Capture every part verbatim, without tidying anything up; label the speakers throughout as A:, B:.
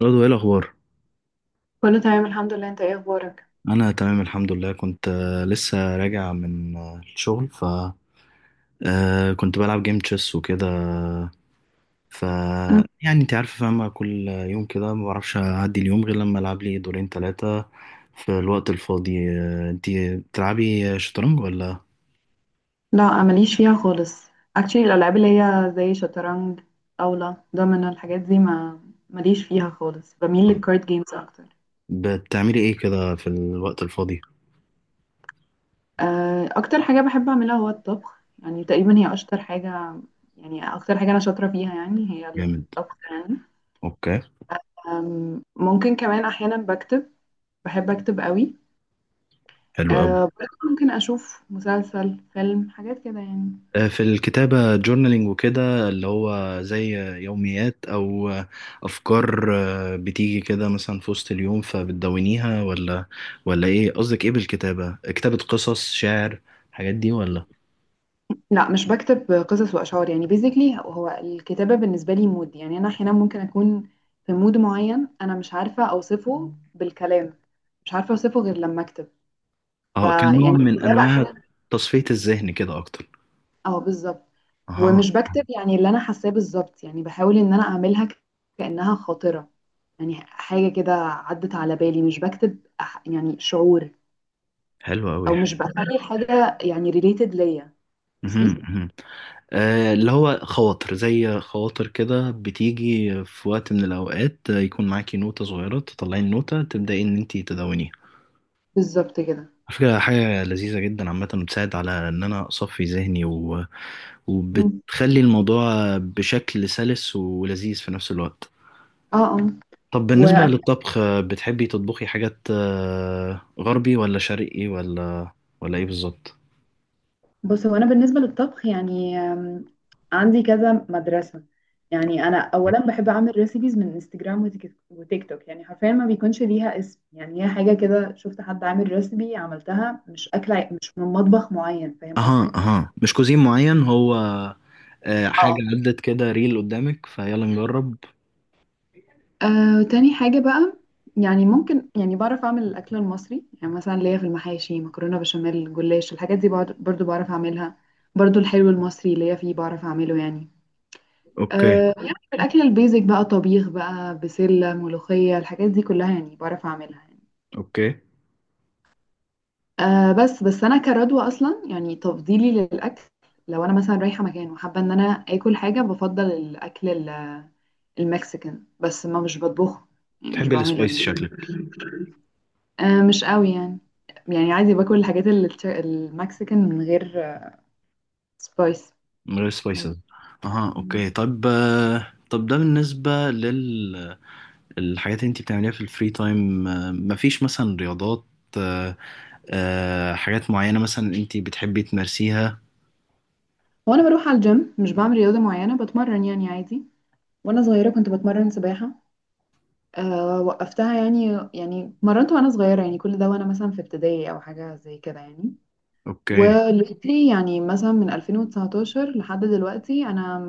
A: برضو ايه الاخبار؟
B: كله تمام، الحمد لله. انت ايه اخبارك؟
A: انا تمام الحمد لله. كنت آه، لسه راجع من آه، الشغل. ف آه، كنت بلعب جيم تشيس وكده. ف
B: مم.
A: يعني انت عارفه فاهمه، كل يوم كده ما بعرفش اعدي اليوم غير لما العب لي دورين ثلاثه في الوقت الفاضي. آه، انت بتلعبي شطرنج ولا؟
B: لا، ماليش فيها خالص. actually الالعاب اللي هي زي شطرنج، طاوله، دومينو، الحاجات دي ما ماليش فيها خالص، بميل
A: طب،
B: للكارد جيمز اكتر.
A: بتعملي ايه كده في الوقت الفاضي؟
B: آه، اكتر حاجه بحب اعملها هو الطبخ، يعني تقريبا هي اشطر حاجه. يعني اكتر حاجه انا شاطره فيها يعني هي
A: جامد.
B: الطبخ يعني.
A: اوكي.
B: أم، ممكن كمان احيانا بكتب، بحب اكتب قوي.
A: حلو قوي.
B: أه برضه ممكن اشوف مسلسل، فيلم، حاجات كده يعني.
A: آه، في الكتابة جورنالينج وكده، اللي هو زي يوميات أو أفكار آه، بتيجي كده مثلا في وسط اليوم فبتدونيها ولا ولا إيه قصدك إيه بالكتابة؟ كتابة قصص شعر الحاجات دي ولا؟
B: لا، مش بكتب قصص واشعار، يعني بيزيكلي هو الكتابه بالنسبه لي مود. يعني انا احيانا ممكن اكون في مود معين، انا مش عارفه اوصفه بالكلام، مش عارفه اوصفه غير لما اكتب.
A: أه،
B: فيعني
A: كنوع من
B: الكتابه
A: أنواع
B: احيانا،
A: تصفية الذهن كده أكتر.
B: اه بالظبط.
A: أها.
B: ومش بكتب يعني اللي انا حاساه بالظبط، يعني بحاول ان انا اعملها ك- كانها خاطره، يعني حاجه كده عدت على بالي، مش بكتب أح- يعني شعور.
A: حلو أوي
B: او
A: حلو.
B: مش بخلي الحاجه يعني ريليتد ليا.
A: مهم،
B: قصدي
A: مهم. آه، اللي هو خواطر، زي خواطر كده بتيجي في وقت من الأوقات آه، يكون معاكي نوتة صغيرة تطلعي النوتة تبدأي إن أنتي تدونيها.
B: بالظبط كده.
A: على فكرة حاجة لذيذة جدا عامة، بتساعد على إن أنا أصفي ذهني و...
B: مم.
A: وبتخلي الموضوع بشكل سلس ولذيذ في نفس الوقت.
B: اه.
A: طب بالنسبة
B: اه،
A: للطبخ، آه، بتحبي تطبخي حاجات آه، غربي ولا شرقي ولا ولا إيه بالظبط؟
B: بص هو انا بالنسبه للطبخ يعني، آم، عندي كذا مدرسه. يعني انا اولا بحب اعمل ريسيبيز من انستجرام وتيك وتيك توك، يعني حرفيا ما بيكونش ليها اسم، يعني هي حاجه كده شفت حد عامل ريسيبي عملتها، مش اكله مش من مطبخ معين، فاهم
A: أها
B: قصدي.
A: أها مش كوزين معين هو. آه، حاجة
B: اه.
A: عدت كده ريل قدامك فيلا نجرب.
B: آه، تاني حاجه بقى، يعني ممكن يعني بعرف اعمل الاكل المصري، يعني مثلا ليا في المحاشي، مكرونه بشاميل، جلاش، الحاجات دي بعد- برضو بعرف اعملها. برضو الحلو المصري ليا فيه، بعرف اعمله يعني.
A: أوكي.
B: أه يعني الأكل البيزك بقى، طبيخ بقى، بسلة، ملوخية، الحاجات دي كلها يعني بعرف أعملها يعني.
A: أوكي.
B: أه بس بس أنا كردوة أصلا، يعني تفضيلي للأكل لو أنا مثلا رايحة مكان وحابة إن أنا آكل حاجة، بفضل الأكل ال- المكسيكان، بس ما مش بطبخه، يعني مش
A: تحبي
B: بعمله
A: السبايس
B: يعني.
A: شكلك.
B: أه مش قوي يعني. يعني عادي باكل الحاجات ال- المكسيكان من غير سبايس.
A: من غير سبايسز. أها أوكي. طب آه، طب ده بالنسبة لل الحاجات اللي انت بتعمليها في الفري تايم، آه، مفيش مثلا رياضات، آه، آه، حاجات معينة مثلا انت بتحبي تمارسيها؟
B: وأنا بروح على الجيم مش بعمل رياضة معينة، بتمرن يعني عادي. وأنا صغيرة كنت بتمرن سباحة، أه وقفتها يعني، يعني مرنت وانا صغيره، يعني كل ده وانا مثلا في ابتدائي او حاجه زي كده يعني.
A: اوكي.
B: ودلوقتي يعني مثلا من ألفين وتسعتاشر لحد دلوقتي انا،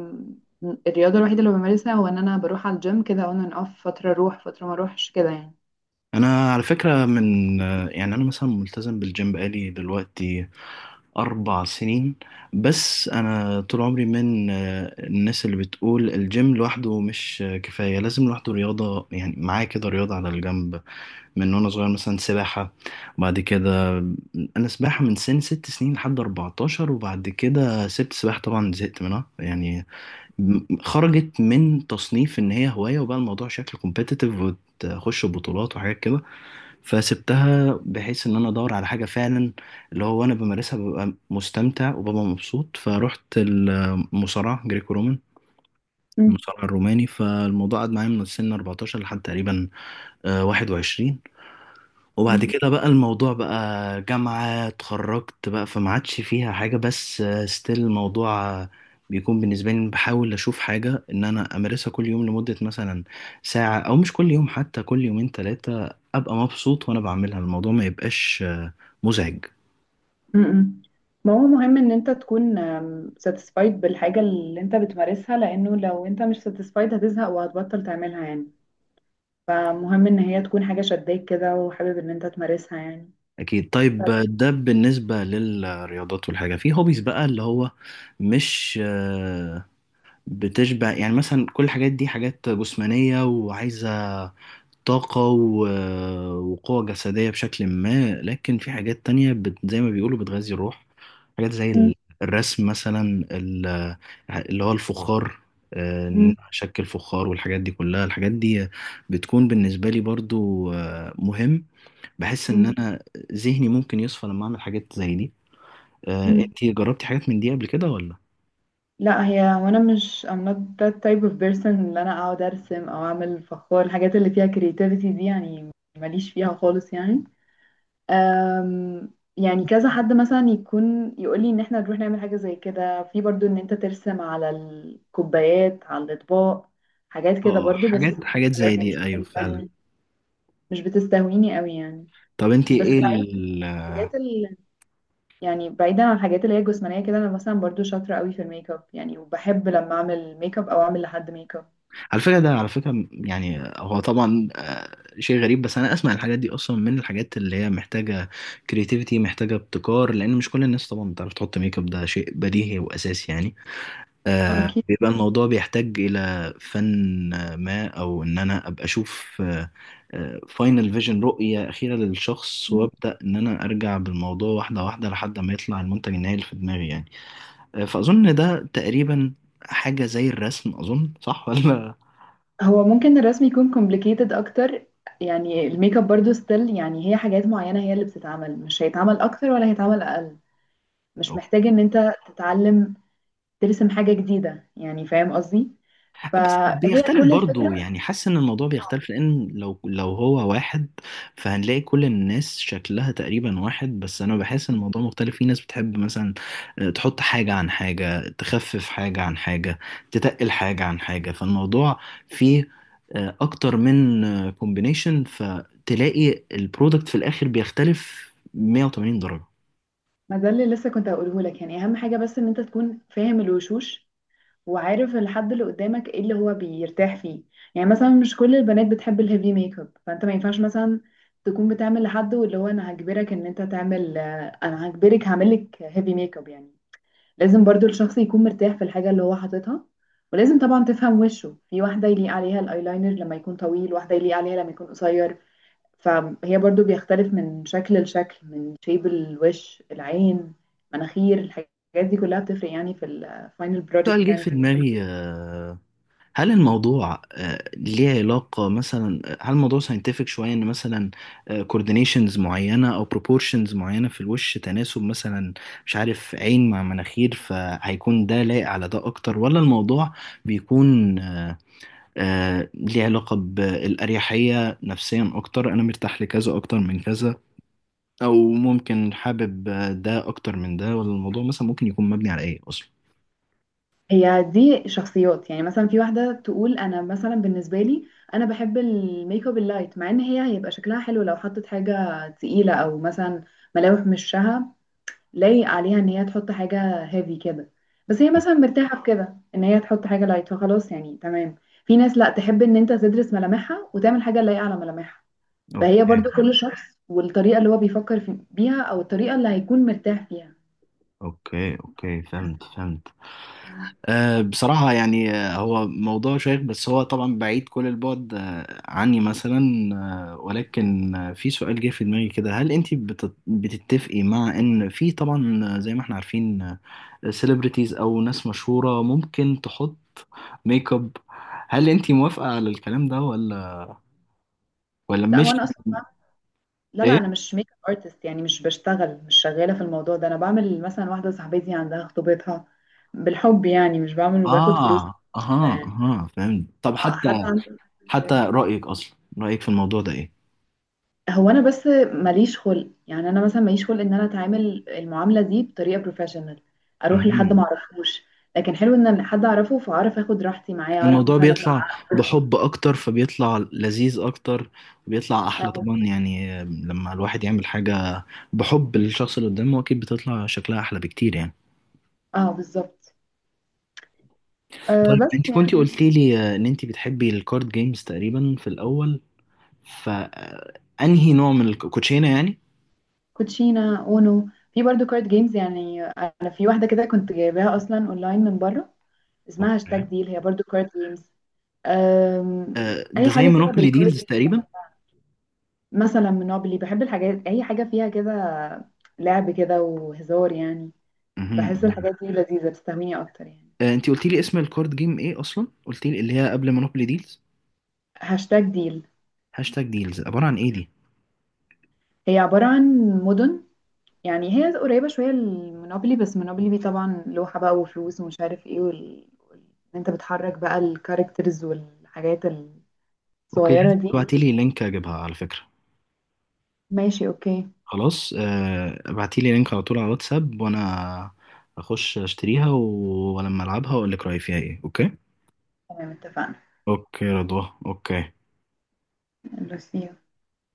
B: م- الرياضه الوحيده اللي بمارسها هو ان انا بروح على الجيم، كده اون اند اوف، فتره اروح فتره ما اروحش كده يعني.
A: انا على فكرة من آه، يعني انا مثلا ملتزم بالجيم بقالي دلوقتي أربع سنين. بس أنا طول عمري من آه، الناس اللي بتقول الجيم لوحده مش آه، كفاية، لازم لوحده رياضة، يعني معاه كده رياضة على الجنب من وانا صغير، مثلا سباحة. بعد كده، انا سباحة من سن ست سنين لحد اربعتاشر، وبعد كده سبت سباحة طبعا زهقت منها يعني. م- خرجت من تصنيف ان هي هواية، وبقى الموضوع شكل كومبيتيتيف وتخش بطولات وحاجات كده، فسبتها بحيث ان انا ادور على حاجة فعلا اللي هو وانا بمارسها ببقى مستمتع وببقى مبسوط. فرحت المصارعة جريكو رومان،
B: مم.
A: المصارع الروماني. فالموضوع قعد معايا من سن اربعتاشر لحد تقريبا واحد وعشرين، وبعد
B: مم.
A: كده بقى الموضوع بقى جامعة، اتخرجت بقى فما عادش فيها حاجة. بس ستيل الموضوع بيكون بالنسبة لي إن بحاول أشوف حاجة إن أنا أمارسها كل يوم لمدة مثلا ساعة، أو مش كل يوم حتى، كل يومين تلاتة أبقى مبسوط وأنا بعملها، الموضوع ما يبقاش آه، مزعج.
B: م-م. ما هو مهم ان انت تكون ساتيسفايد بالحاجه اللي انت بتمارسها، لانه لو انت مش ساتيسفايد هتزهق وهتبطل تعملها يعني. فمهم ان هي تكون حاجه شداك كده وحابب ان انت تمارسها يعني.
A: أكيد. طيب ده بالنسبة للرياضات، والحاجة في هوبيز بقى اللي هو مش آه، بتشبع يعني. مثلا كل الحاجات دي حاجات جسمانية وعايزة طاقة و... وقوة جسدية بشكل ما، لكن في حاجات تانية بت... زي ما بيقولوا بتغذي الروح. حاجات زي ال- الرسم مثلا، ال- اللي هو الفخار، آه، إن
B: مم.
A: أنا أشكل فخار والحاجات دي كلها. الحاجات دي بتكون بالنسبة لي برضو آه، مهم. بحس إن
B: مم.
A: أنا ذهني ممكن يصفى لما أعمل حاجات زي دي. آه،
B: مم.
A: أنتي جربتي حاجات من دي قبل كده ولا؟
B: لا، هي وانا مش I'm not that type of person اللي انا اقعد ارسم او اعمل فخار، الحاجات اللي فيها creativity دي يعني ماليش فيها خالص يعني. أم، يعني كذا حد مثلا يكون يقول لي ان احنا نروح نعمل حاجة زي كده، في برضو ان انت ترسم على الكوبايات على الاطباق، حاجات
A: اه،
B: كده
A: آه،
B: برضو، بس
A: حاجات حاجات زي
B: الحاجات
A: دي أيوه فعلا.
B: دي مش بتستهويني قوي يعني.
A: طب أنتي
B: بس
A: إيه؟
B: بعيد عن الحاجات، يعني بعيدا عن الحاجات اللي هي الجسمانية كده، أنا مثلا برضو شاطرة قوي في الميك اب يعني، وبحب لما أعمل ميك اب أو أعمل لحد ميك اب.
A: على فكرة ده، على فكرة يعني هو طبعا آه، شيء غريب، بس أنا أسمع الحاجات دي أصلا من الحاجات اللي هي محتاجة كرياتيفيتي، محتاجة ابتكار، لأن مش كل الناس طبعا بتعرف تحط ميك اب، ده شيء بديهي وأساسي يعني.
B: آه،
A: آه
B: أكيد.
A: بيبقى الموضوع بيحتاج إلى فن آه، ما، أو إن أنا أبقى أشوف فاينل فيجن، رؤية أخيرة للشخص، وأبدأ إن أنا أرجع بالموضوع واحدة واحدة لحد ما يطلع المنتج النهائي اللي في دماغي يعني. آه، فأظن ده تقريبا حاجة زي الرسم، أظن صح ولا؟
B: هو ممكن الرسم يكون complicated أكتر. يعني الميك اب برضو ستيل، يعني هي حاجات معينة هي اللي بتتعمل، مش هيتعمل أكتر ولا هيتعمل أقل، مش محتاج إن أنت تتعلم ترسم حاجة جديدة يعني، فاهم قصدي.
A: بس
B: فهي
A: بيختلف
B: كل
A: برضو
B: الفكرة.
A: يعني، حاسس ان الموضوع بيختلف، لان لو لو هو واحد فهنلاقي كل الناس شكلها تقريبا واحد. بس انا بحس ان الموضوع مختلف، في ناس بتحب مثلا آه، تحط حاجة عن حاجة، تخفف حاجة عن حاجة، تتقل حاجة عن حاجة. فالموضوع فيه آه، اكتر من كومبينيشن، فتلاقي البرودكت في الاخر بيختلف مئة وثمانين درجة.
B: ما ده اللي لسه كنت هقوله لك، يعني أهم حاجة بس إن أنت تكون فاهم الوشوش وعارف الحد اللي قدامك ايه اللي هو بيرتاح فيه. يعني مثلا مش كل البنات بتحب الهيفي ميك اب، فانت ما ينفعش مثلا تكون بتعمل لحد واللي هو انا هجبرك ان انت تعمل، آه، انا هجبرك هعمل لك هيفي ميك اب يعني. لازم برضو الشخص يكون مرتاح في الحاجة اللي هو حاططها. ولازم طبعا تفهم وشه، في واحدة يليق عليها الايلاينر لما يكون طويل، واحدة يليق عليها لما يكون قصير. فهي برضو بيختلف من شكل لشكل، من شيب الوش، العين، مناخير، الحاجات دي كلها بتفرق يعني في الفاينل
A: سؤال
B: بروجكت
A: جه
B: يعني
A: في
B: في الميك اب.
A: دماغي، آه، هل الموضوع آه، ليه علاقة مثلا؟ آه، هل الموضوع ساينتفك شوية ان مثلا كوردينيشنز معينة او بروبورشنز معينة في الوش تناسب مثلا، مش عارف، عين مع مناخير، فهيكون ده لايق على ده اكتر؟ ولا الموضوع بيكون آه، ليه علاقة بالأريحية نفسيا اكتر، انا مرتاح لكذا اكتر من كذا، او ممكن حابب آه، ده اكتر من ده؟ ولا الموضوع مثلا ممكن يكون مبني على ايه اصلا؟
B: هي دي شخصيات، يعني مثلا في واحدة تقول أنا مثلا بالنسبة لي أنا بحب الميك اب اللايت، مع إن هي هيبقى شكلها حلو لو حطت حاجة تقيلة، أو مثلا ملامح من وشها لايق عليها إن هي تحط حاجة هيفي كده، بس هي مثلا مرتاحة في كده إن هي تحط حاجة لايت فخلاص يعني تمام. في ناس لأ، تحب إن أنت تدرس ملامحها وتعمل حاجة لايقة على ملامحها. فهي
A: اوكي
B: برضو كل شخص والطريقة اللي هو بيفكر في بيها أو الطريقة اللي هيكون مرتاح فيها.
A: اوكي اوكي، فهمت فهمت. أه بصراحة يعني، آه، هو موضوع شيق، بس هو طبعا بعيد كل البعد آه، عني مثلا. آه، ولكن آه، في سؤال جه في دماغي كده، هل انت بت- بتتفقي مع ان في طبعا، آه، زي ما احنا عارفين، سيلبرتيز او ناس مشهورة ممكن تحط ميك اب، هل انت موافقة على الكلام ده ولا ولا
B: لا
A: مش؟
B: هو انا، لا لا
A: ايه.
B: انا مش ميك اب ارتست يعني، مش بشتغل، مش شغاله في الموضوع ده. انا بعمل مثلا واحده صاحبتي عندها خطوبتها بالحب، يعني مش بعمل وباخد فلوس
A: اه،
B: كده
A: اها
B: يعني.
A: اها فهمت. طب
B: اه،
A: حتى
B: حد عنده.
A: حتى رأيك اصلا، رأيك في الموضوع ده
B: هو انا بس ماليش خلق، يعني انا مثلا ماليش خلق ان انا اتعامل المعامله دي بطريقه بروفيشنال، اروح لحد
A: ايه؟
B: ما اعرفوش. لكن حلو ان حد اعرفه فاعرف اخد راحتي معاه، اعرف
A: الموضوع
B: مثلا
A: بيطلع
B: أتع-
A: بحب اكتر فبيطلع لذيذ اكتر، وبيطلع احلى
B: اه.
A: طبعا يعني، لما الواحد يعمل حاجة بحب للشخص اللي قدامه اكيد بتطلع شكلها احلى بكتير يعني.
B: اه بالظبط. آه
A: طيب
B: بس
A: انت كنتي
B: يعني،
A: قلتي لي ان انت بتحبي الكارد جيمز تقريبا في الاول، فانهي نوع من الكوتشينة يعني؟
B: كوتشينا اونو، في برضو كارد جيمز، يعني انا في واحده كده كنت جايباها اصلا اونلاين من بره اسمها هاشتاج
A: اوكي.
B: ديل، هي برضو كارد جيمز. أم،
A: آه،
B: اي
A: ده زي
B: حاجه كده
A: مونوبولي
B: بالكارد.
A: ديلز تقريبا؟
B: مثلا منوبلي، بحب الحاجات اي حاجه فيها كده، لعب كده وهزار يعني.
A: مهم،
B: بحس
A: مهم.
B: الحاجات دي لذيذه بتستهويني اكتر يعني.
A: آه، انت قلتي لي اسم الكارد جيم ايه اصلا؟ قلتي لي اللي هي قبل مونوبولي ديلز.
B: هاشتاج ديل
A: هاشتاج ديلز عبارة عن ايه دي؟
B: هي عباره عن مدن. يعني هي قريبه شويه لمونوبلي، بس مونوبلي دي طبعا لوحه بقى وفلوس ومش عارف ايه، وال... وال- إن انت بتحرك بقى الكاركترز والحاجات
A: اوكي، لازم
B: الصغيره دي.
A: تبعتي لي لينك اجيبها على فكرة.
B: ماشي اوكي.
A: خلاص، آه، ابعتيلي لينك على طول على واتساب، وانا اخش اشتريها و- ولما العبها واقول لك رايي فيها ايه. اوكي.
B: تمام اتفقنا.
A: اوكي يا رضوى. اوكي.
B: نرسيها.